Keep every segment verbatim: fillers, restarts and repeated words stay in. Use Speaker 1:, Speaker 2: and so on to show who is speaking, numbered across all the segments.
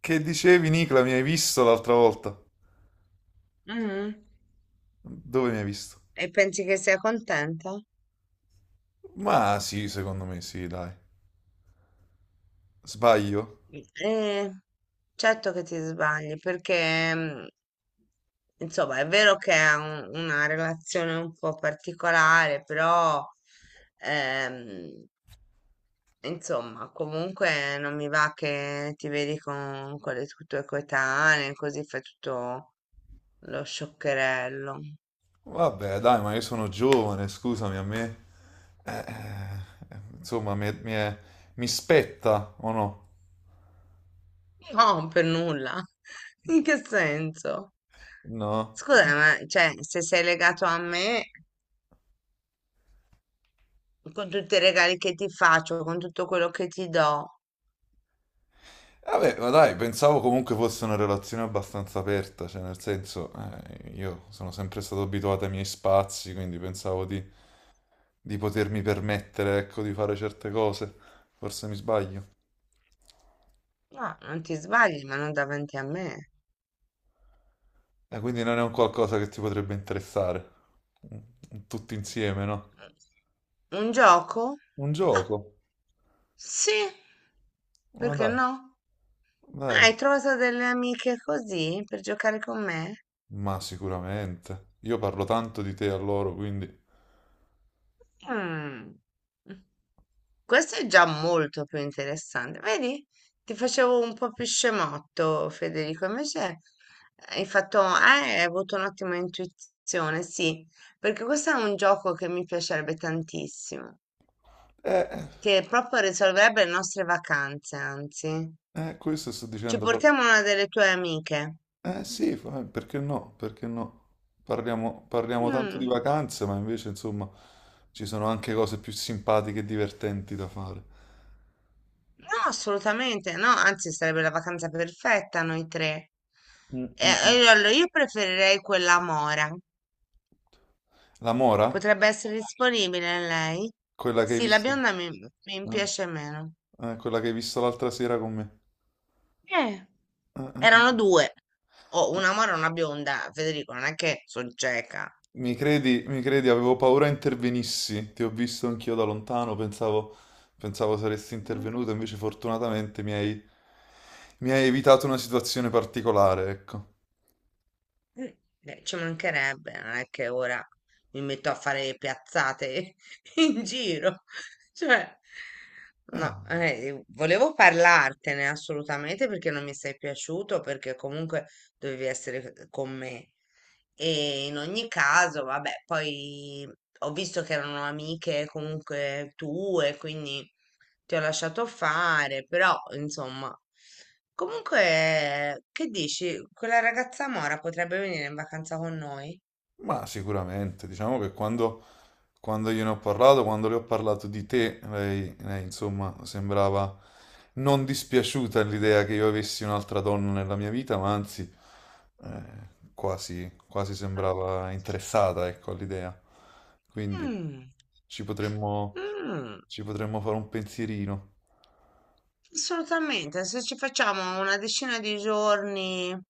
Speaker 1: Che dicevi, Nicola, mi hai visto l'altra volta?
Speaker 2: Mm.
Speaker 1: Dove mi hai visto?
Speaker 2: E pensi che sia contenta?
Speaker 1: Ma sì, secondo me sì, dai. Sbaglio?
Speaker 2: Eh, certo che ti sbagli, perché mm, insomma è vero che è un- una relazione un po' particolare, però ehm, insomma comunque non mi va che ti vedi con, con le tue tue coetanee, così fai tutto lo scioccherello.
Speaker 1: Vabbè, dai, ma io sono giovane, scusami, a me, eh, eh, insomma, mi, mi è- mi spetta, o no?
Speaker 2: No, per nulla. In che senso?
Speaker 1: No?
Speaker 2: Scusa, ma cioè, se sei legato a me, con tutti i regali che ti faccio, con tutto quello che ti do.
Speaker 1: Vabbè, ma dai, pensavo comunque fosse una relazione abbastanza aperta, cioè nel senso, eh, io sono sempre stato abituato ai miei spazi, quindi pensavo di, di potermi permettere, ecco, di fare certe cose. Forse mi sbaglio.
Speaker 2: No, non ti sbagli, ma non davanti a me.
Speaker 1: Eh, quindi non è un qualcosa che ti potrebbe interessare. Mm, Tutti insieme, no?
Speaker 2: Un gioco?
Speaker 1: Un
Speaker 2: Ah,
Speaker 1: gioco.
Speaker 2: sì,
Speaker 1: Ma
Speaker 2: perché
Speaker 1: dai,
Speaker 2: no? Ah,
Speaker 1: dai.
Speaker 2: hai trovato delle amiche così per giocare con me?
Speaker 1: Ma sicuramente. Io parlo tanto di te a loro, quindi.
Speaker 2: Mm, questo è già molto più interessante. Vedi? Ti facevo un po' più scemotto, Federico. Invece hai fatto, eh, hai avuto un'ottima intuizione, sì, perché questo è un gioco che mi piacerebbe tantissimo,
Speaker 1: Eh,
Speaker 2: che proprio risolverebbe le nostre vacanze, anzi.
Speaker 1: eh, Questo sto
Speaker 2: Ci
Speaker 1: dicendo. par-
Speaker 2: portiamo una delle tue amiche.
Speaker 1: Eh sì, fa- eh, perché no? Perché no? Parliamo, parliamo tanto di
Speaker 2: Mm,
Speaker 1: vacanze, ma invece, insomma, ci sono anche cose più simpatiche e divertenti da fare.
Speaker 2: no, assolutamente no, anzi sarebbe la vacanza perfetta noi tre.
Speaker 1: Mm,
Speaker 2: Eh,
Speaker 1: mm, mm.
Speaker 2: eh, allora, io preferirei quella Mora.
Speaker 1: La Mora?
Speaker 2: Potrebbe essere disponibile lei?
Speaker 1: Quella che hai
Speaker 2: Sì, la
Speaker 1: visto?
Speaker 2: bionda mi, mi
Speaker 1: Eh,
Speaker 2: piace meno.
Speaker 1: eh, Quella che hai visto l'altra sera con me.
Speaker 2: Eh,
Speaker 1: Eh, eh,
Speaker 2: Erano due, o
Speaker 1: eh.
Speaker 2: una Mora e una bionda, Federico, non è che sono cieca.
Speaker 1: Mi credi, mi credi, avevo paura intervenissi, ti ho visto anch'io da lontano, pensavo, pensavo saresti intervenuto, invece fortunatamente mi hai, mi hai evitato una situazione particolare, ecco.
Speaker 2: Mm, eh, ci mancherebbe, non è che ora mi metto a fare le piazzate in giro. Cioè,
Speaker 1: Eh,
Speaker 2: no, eh, volevo parlartene assolutamente perché non mi sei piaciuto, perché comunque dovevi essere con me. E in ogni caso, vabbè, poi ho visto che erano amiche comunque tue, quindi ti ho lasciato fare, però insomma. Comunque, che dici? Quella ragazza Mora potrebbe venire in vacanza con noi?
Speaker 1: ma sicuramente, diciamo che quando, quando io ne ho parlato, quando le ho parlato di te, lei, lei, insomma sembrava non dispiaciuta l'idea che io avessi un'altra donna nella mia vita, ma anzi eh, quasi, quasi sembrava interessata, ecco, all'idea. Quindi
Speaker 2: Mm,
Speaker 1: ci potremmo,
Speaker 2: mm,
Speaker 1: Ci potremmo fare un pensierino.
Speaker 2: assolutamente. Se ci facciamo una decina di giorni, non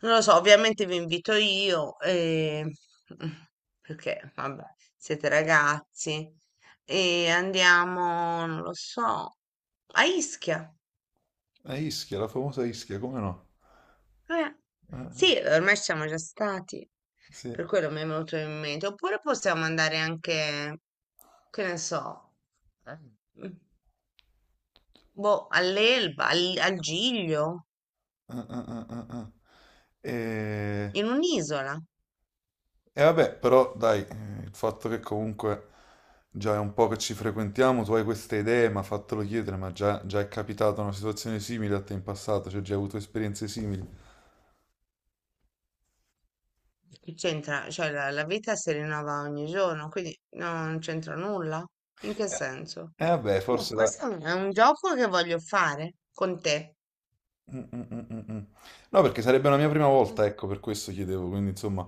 Speaker 2: lo so, ovviamente vi invito io, e... perché vabbè, siete ragazzi, e andiamo, non lo so, a Ischia.
Speaker 1: A Ischia, la famosa Ischia, come no?
Speaker 2: Eh,
Speaker 1: Ah,
Speaker 2: sì, ormai ci siamo già stati,
Speaker 1: sì.
Speaker 2: per quello mi è venuto in mente. Oppure possiamo andare anche, che ne so, eh, mm, boh, all'Elba, al, al Giglio,
Speaker 1: Ah, ah, ah, ah, ah. E...
Speaker 2: in un'isola.
Speaker 1: e vabbè, però dai, eh, il fatto che comunque già è un po' che ci frequentiamo, tu hai queste idee, ma fatelo chiedere, ma già, già è capitata una situazione simile a te in passato, cioè già hai avuto esperienze simili.
Speaker 2: Che c'entra? Cioè, la, la vita si rinnova ogni giorno, quindi no, non c'entra nulla. In che
Speaker 1: Eh,
Speaker 2: senso?
Speaker 1: eh, Vabbè,
Speaker 2: No,
Speaker 1: forse dai.
Speaker 2: questo è un è un gioco che voglio fare con te.
Speaker 1: Mm, mm, mm, mm, mm. No, perché sarebbe la mia prima volta, ecco, per questo chiedevo, quindi insomma,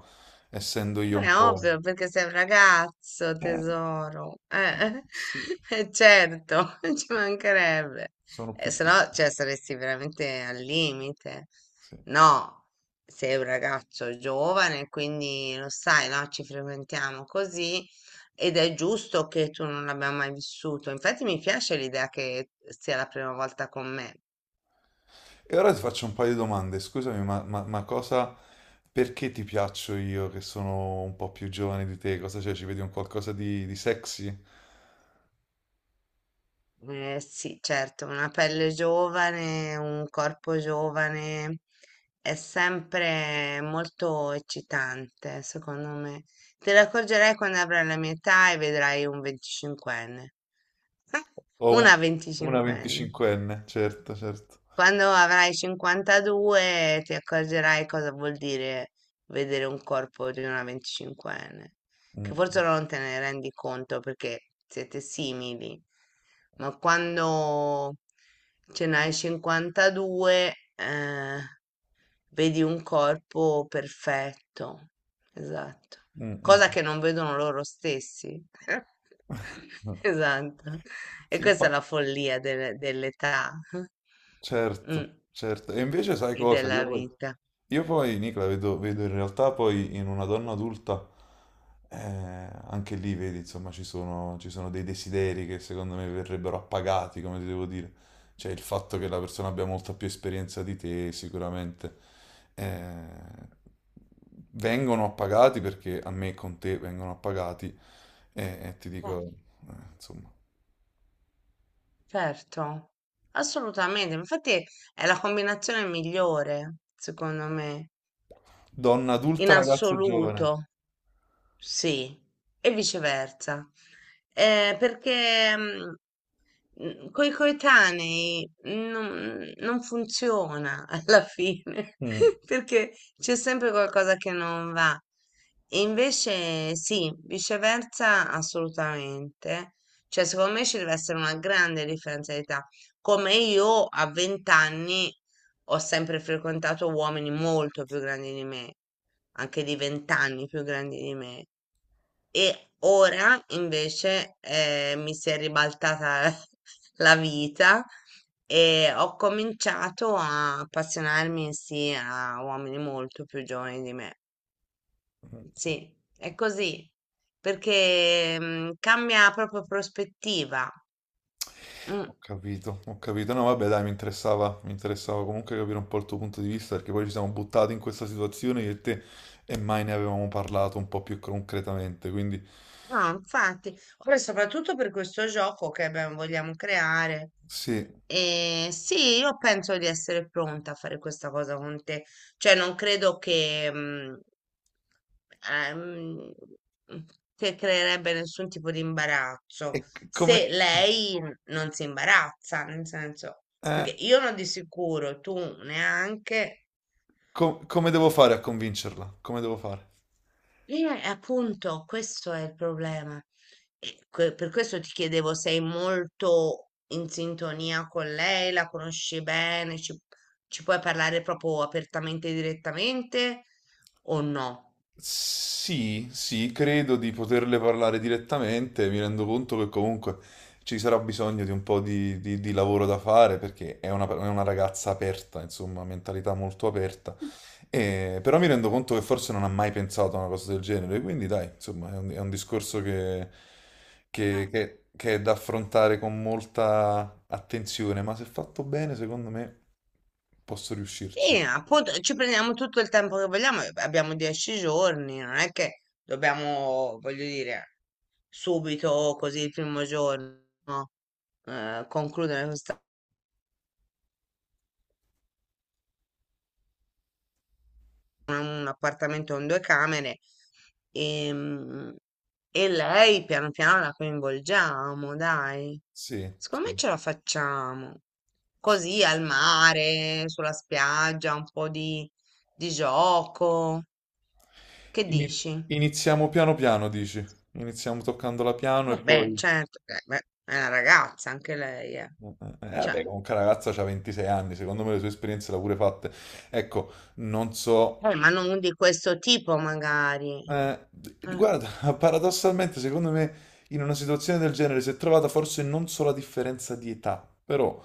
Speaker 1: essendo io un
Speaker 2: È
Speaker 1: po'.
Speaker 2: ovvio, perché sei un ragazzo,
Speaker 1: Eh,
Speaker 2: tesoro. Eh,
Speaker 1: sì.
Speaker 2: eh, certo, ci mancherebbe.
Speaker 1: Sono
Speaker 2: Eh,
Speaker 1: più
Speaker 2: se no,
Speaker 1: piccoli.
Speaker 2: cioè, saresti veramente al limite.
Speaker 1: Sì.
Speaker 2: No, sei un ragazzo giovane, quindi lo sai, no? Ci frequentiamo così ed è giusto che tu non l'abbia mai vissuto. Infatti mi piace l'idea che sia la prima volta con me.
Speaker 1: E ora ti faccio un paio di domande. Scusami, ma, ma- ma cosa, perché ti piaccio io che sono un po' più giovane di te? Cosa c'è? Ci vedi un qualcosa di, di sexy?
Speaker 2: Eh sì, certo, una pelle giovane, un corpo giovane è sempre molto eccitante, secondo me. Te ne accorgerai quando avrai la mia età e vedrai un venticinquenne.
Speaker 1: O un-
Speaker 2: Una
Speaker 1: una
Speaker 2: venticinquenne.
Speaker 1: venticinquenne? Certo, certo.
Speaker 2: Quando avrai cinquantadue ti accorgerai cosa vuol dire vedere un corpo di una venticinquenne, che
Speaker 1: Mm,
Speaker 2: forse non te ne rendi conto perché siete simili, ma quando ce n'hai cinquantadue, eh, vedi un corpo perfetto, esatto,
Speaker 1: mm,
Speaker 2: cosa che
Speaker 1: mm.
Speaker 2: non vedono loro stessi.
Speaker 1: Mm.
Speaker 2: Esatto. E questa è
Speaker 1: Simpa-
Speaker 2: la follia delle- dell'età.
Speaker 1: certo,
Speaker 2: Mm,
Speaker 1: certo. E invece sai
Speaker 2: e
Speaker 1: cosa?
Speaker 2: della
Speaker 1: Io,
Speaker 2: vita.
Speaker 1: Io poi, Nicola, vedo, vedo in realtà poi in una donna adulta, eh, anche lì vedi, insomma, ci sono, ci sono dei desideri che secondo me verrebbero appagati, come ti devo dire. Cioè il fatto che la persona abbia molta più esperienza di te, sicuramente, eh, vengono appagati perché a me con te vengono appagati e, e ti
Speaker 2: Eh,
Speaker 1: dico, eh, insomma,
Speaker 2: certo, assolutamente. Infatti è la combinazione migliore, secondo me,
Speaker 1: donna
Speaker 2: in
Speaker 1: adulta, ragazzo giovane.
Speaker 2: assoluto, sì, e viceversa. Eh, perché mm, mm, coi coetanei non, non funziona alla fine,
Speaker 1: Mm.
Speaker 2: perché c'è sempre qualcosa che non va. E invece sì, viceversa assolutamente. Cioè, secondo me ci deve essere una grande differenza di età. Come io a venti anni ho sempre frequentato uomini molto più grandi di me, anche di venti anni più grandi di me. E ora invece eh, mi si è ribaltata la vita e ho cominciato a appassionarmi sì a uomini molto più giovani di me. Sì, è così, perché mm, cambia proprio prospettiva. Mm.
Speaker 1: Ho capito, ho capito. No, vabbè, dai, mi interessava, mi interessava comunque capire un po' il tuo punto di vista, perché poi ci siamo buttati in questa situazione io e te e mai ne avevamo parlato un po' più concretamente. Quindi,
Speaker 2: No, infatti, poi soprattutto per questo gioco che abbiamo- vogliamo creare.
Speaker 1: sì,
Speaker 2: E sì, io penso di essere pronta a fare questa cosa con te. Cioè, non credo che, mm, ehm, che creerebbe nessun tipo di
Speaker 1: e
Speaker 2: imbarazzo
Speaker 1: c-
Speaker 2: se
Speaker 1: come,
Speaker 2: lei non si imbarazza, nel senso, perché
Speaker 1: eh,
Speaker 2: io non di sicuro, tu neanche.
Speaker 1: co- come devo fare a convincerla? Come devo fare?
Speaker 2: Eh, appunto, questo è il problema. E que- per questo ti chiedevo, sei molto in sintonia con lei, la conosci bene, ci, ci puoi parlare proprio apertamente e direttamente o no?
Speaker 1: Sì, sì, credo di poterle parlare direttamente, mi rendo conto che comunque ci sarà bisogno di un po' di, di- di lavoro da fare, perché è una è una ragazza aperta, insomma, mentalità molto aperta. E- però mi rendo conto che forse non ha mai pensato a una cosa del genere, quindi dai, insomma, è un, è un discorso che,
Speaker 2: Eh,
Speaker 1: che- che- che è da affrontare con molta attenzione, ma se fatto bene, secondo me posso riuscirci.
Speaker 2: sì, appunto, ci prendiamo tutto il tempo che vogliamo, eh, abbiamo dieci giorni, non è che dobbiamo, voglio dire, subito, così il primo giorno, eh, concludere questa. Una- un appartamento con due camere e, mm, e lei piano piano la coinvolgiamo, dai.
Speaker 1: Sì,
Speaker 2: Secondo me
Speaker 1: sì,
Speaker 2: ce la facciamo.
Speaker 1: sì.
Speaker 2: Così al mare, sulla spiaggia, un po' di, di gioco. Che
Speaker 1: Ini-
Speaker 2: dici?
Speaker 1: Iniziamo piano piano, dici? Iniziamo toccando la piano e
Speaker 2: Vabbè,
Speaker 1: poi.
Speaker 2: certo, eh, beh, è una ragazza anche lei, eh.
Speaker 1: Eh, eh,
Speaker 2: Cioè,
Speaker 1: Vabbè, comunque la ragazza ha ventisei anni, secondo me le sue esperienze l'ha pure fatte. Ecco, non so.
Speaker 2: eh, ma non di questo tipo magari.
Speaker 1: Eh,
Speaker 2: Eh,
Speaker 1: guarda, paradossalmente, secondo me, in una situazione del genere si è trovata forse non solo la differenza di età, però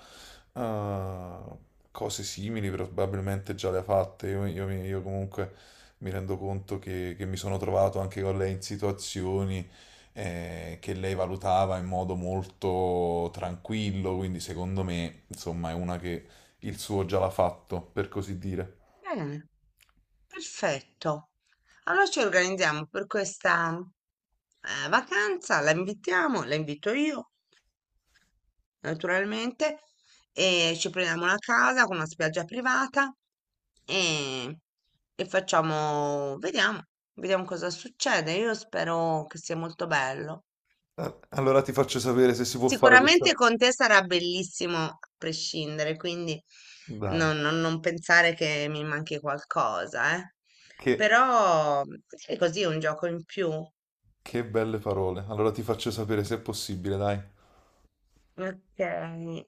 Speaker 1: eh, cose simili probabilmente già le ha fatte. Io, io- mi- io comunque mi rendo conto che, che mi sono trovato anche con lei in situazioni eh, che lei valutava in modo molto tranquillo, quindi secondo me, insomma, è una che il suo già l'ha fatto, per così dire.
Speaker 2: bene, perfetto. Allora ci organizziamo per questa eh, vacanza, la invitiamo, la invito io, naturalmente, e ci prendiamo una casa con una spiaggia privata e, e facciamo, vediamo, vediamo cosa succede. Io spero che sia molto bello.
Speaker 1: Ah, allora ti faccio sapere se si può fare questa.
Speaker 2: Sicuramente con te sarà bellissimo a prescindere, quindi
Speaker 1: Dai.
Speaker 2: non, non- non pensare che mi manchi qualcosa, eh.
Speaker 1: Che,
Speaker 2: Però è così un gioco in più.
Speaker 1: che belle parole. Allora ti faccio sapere se è possibile, dai.
Speaker 2: Okay.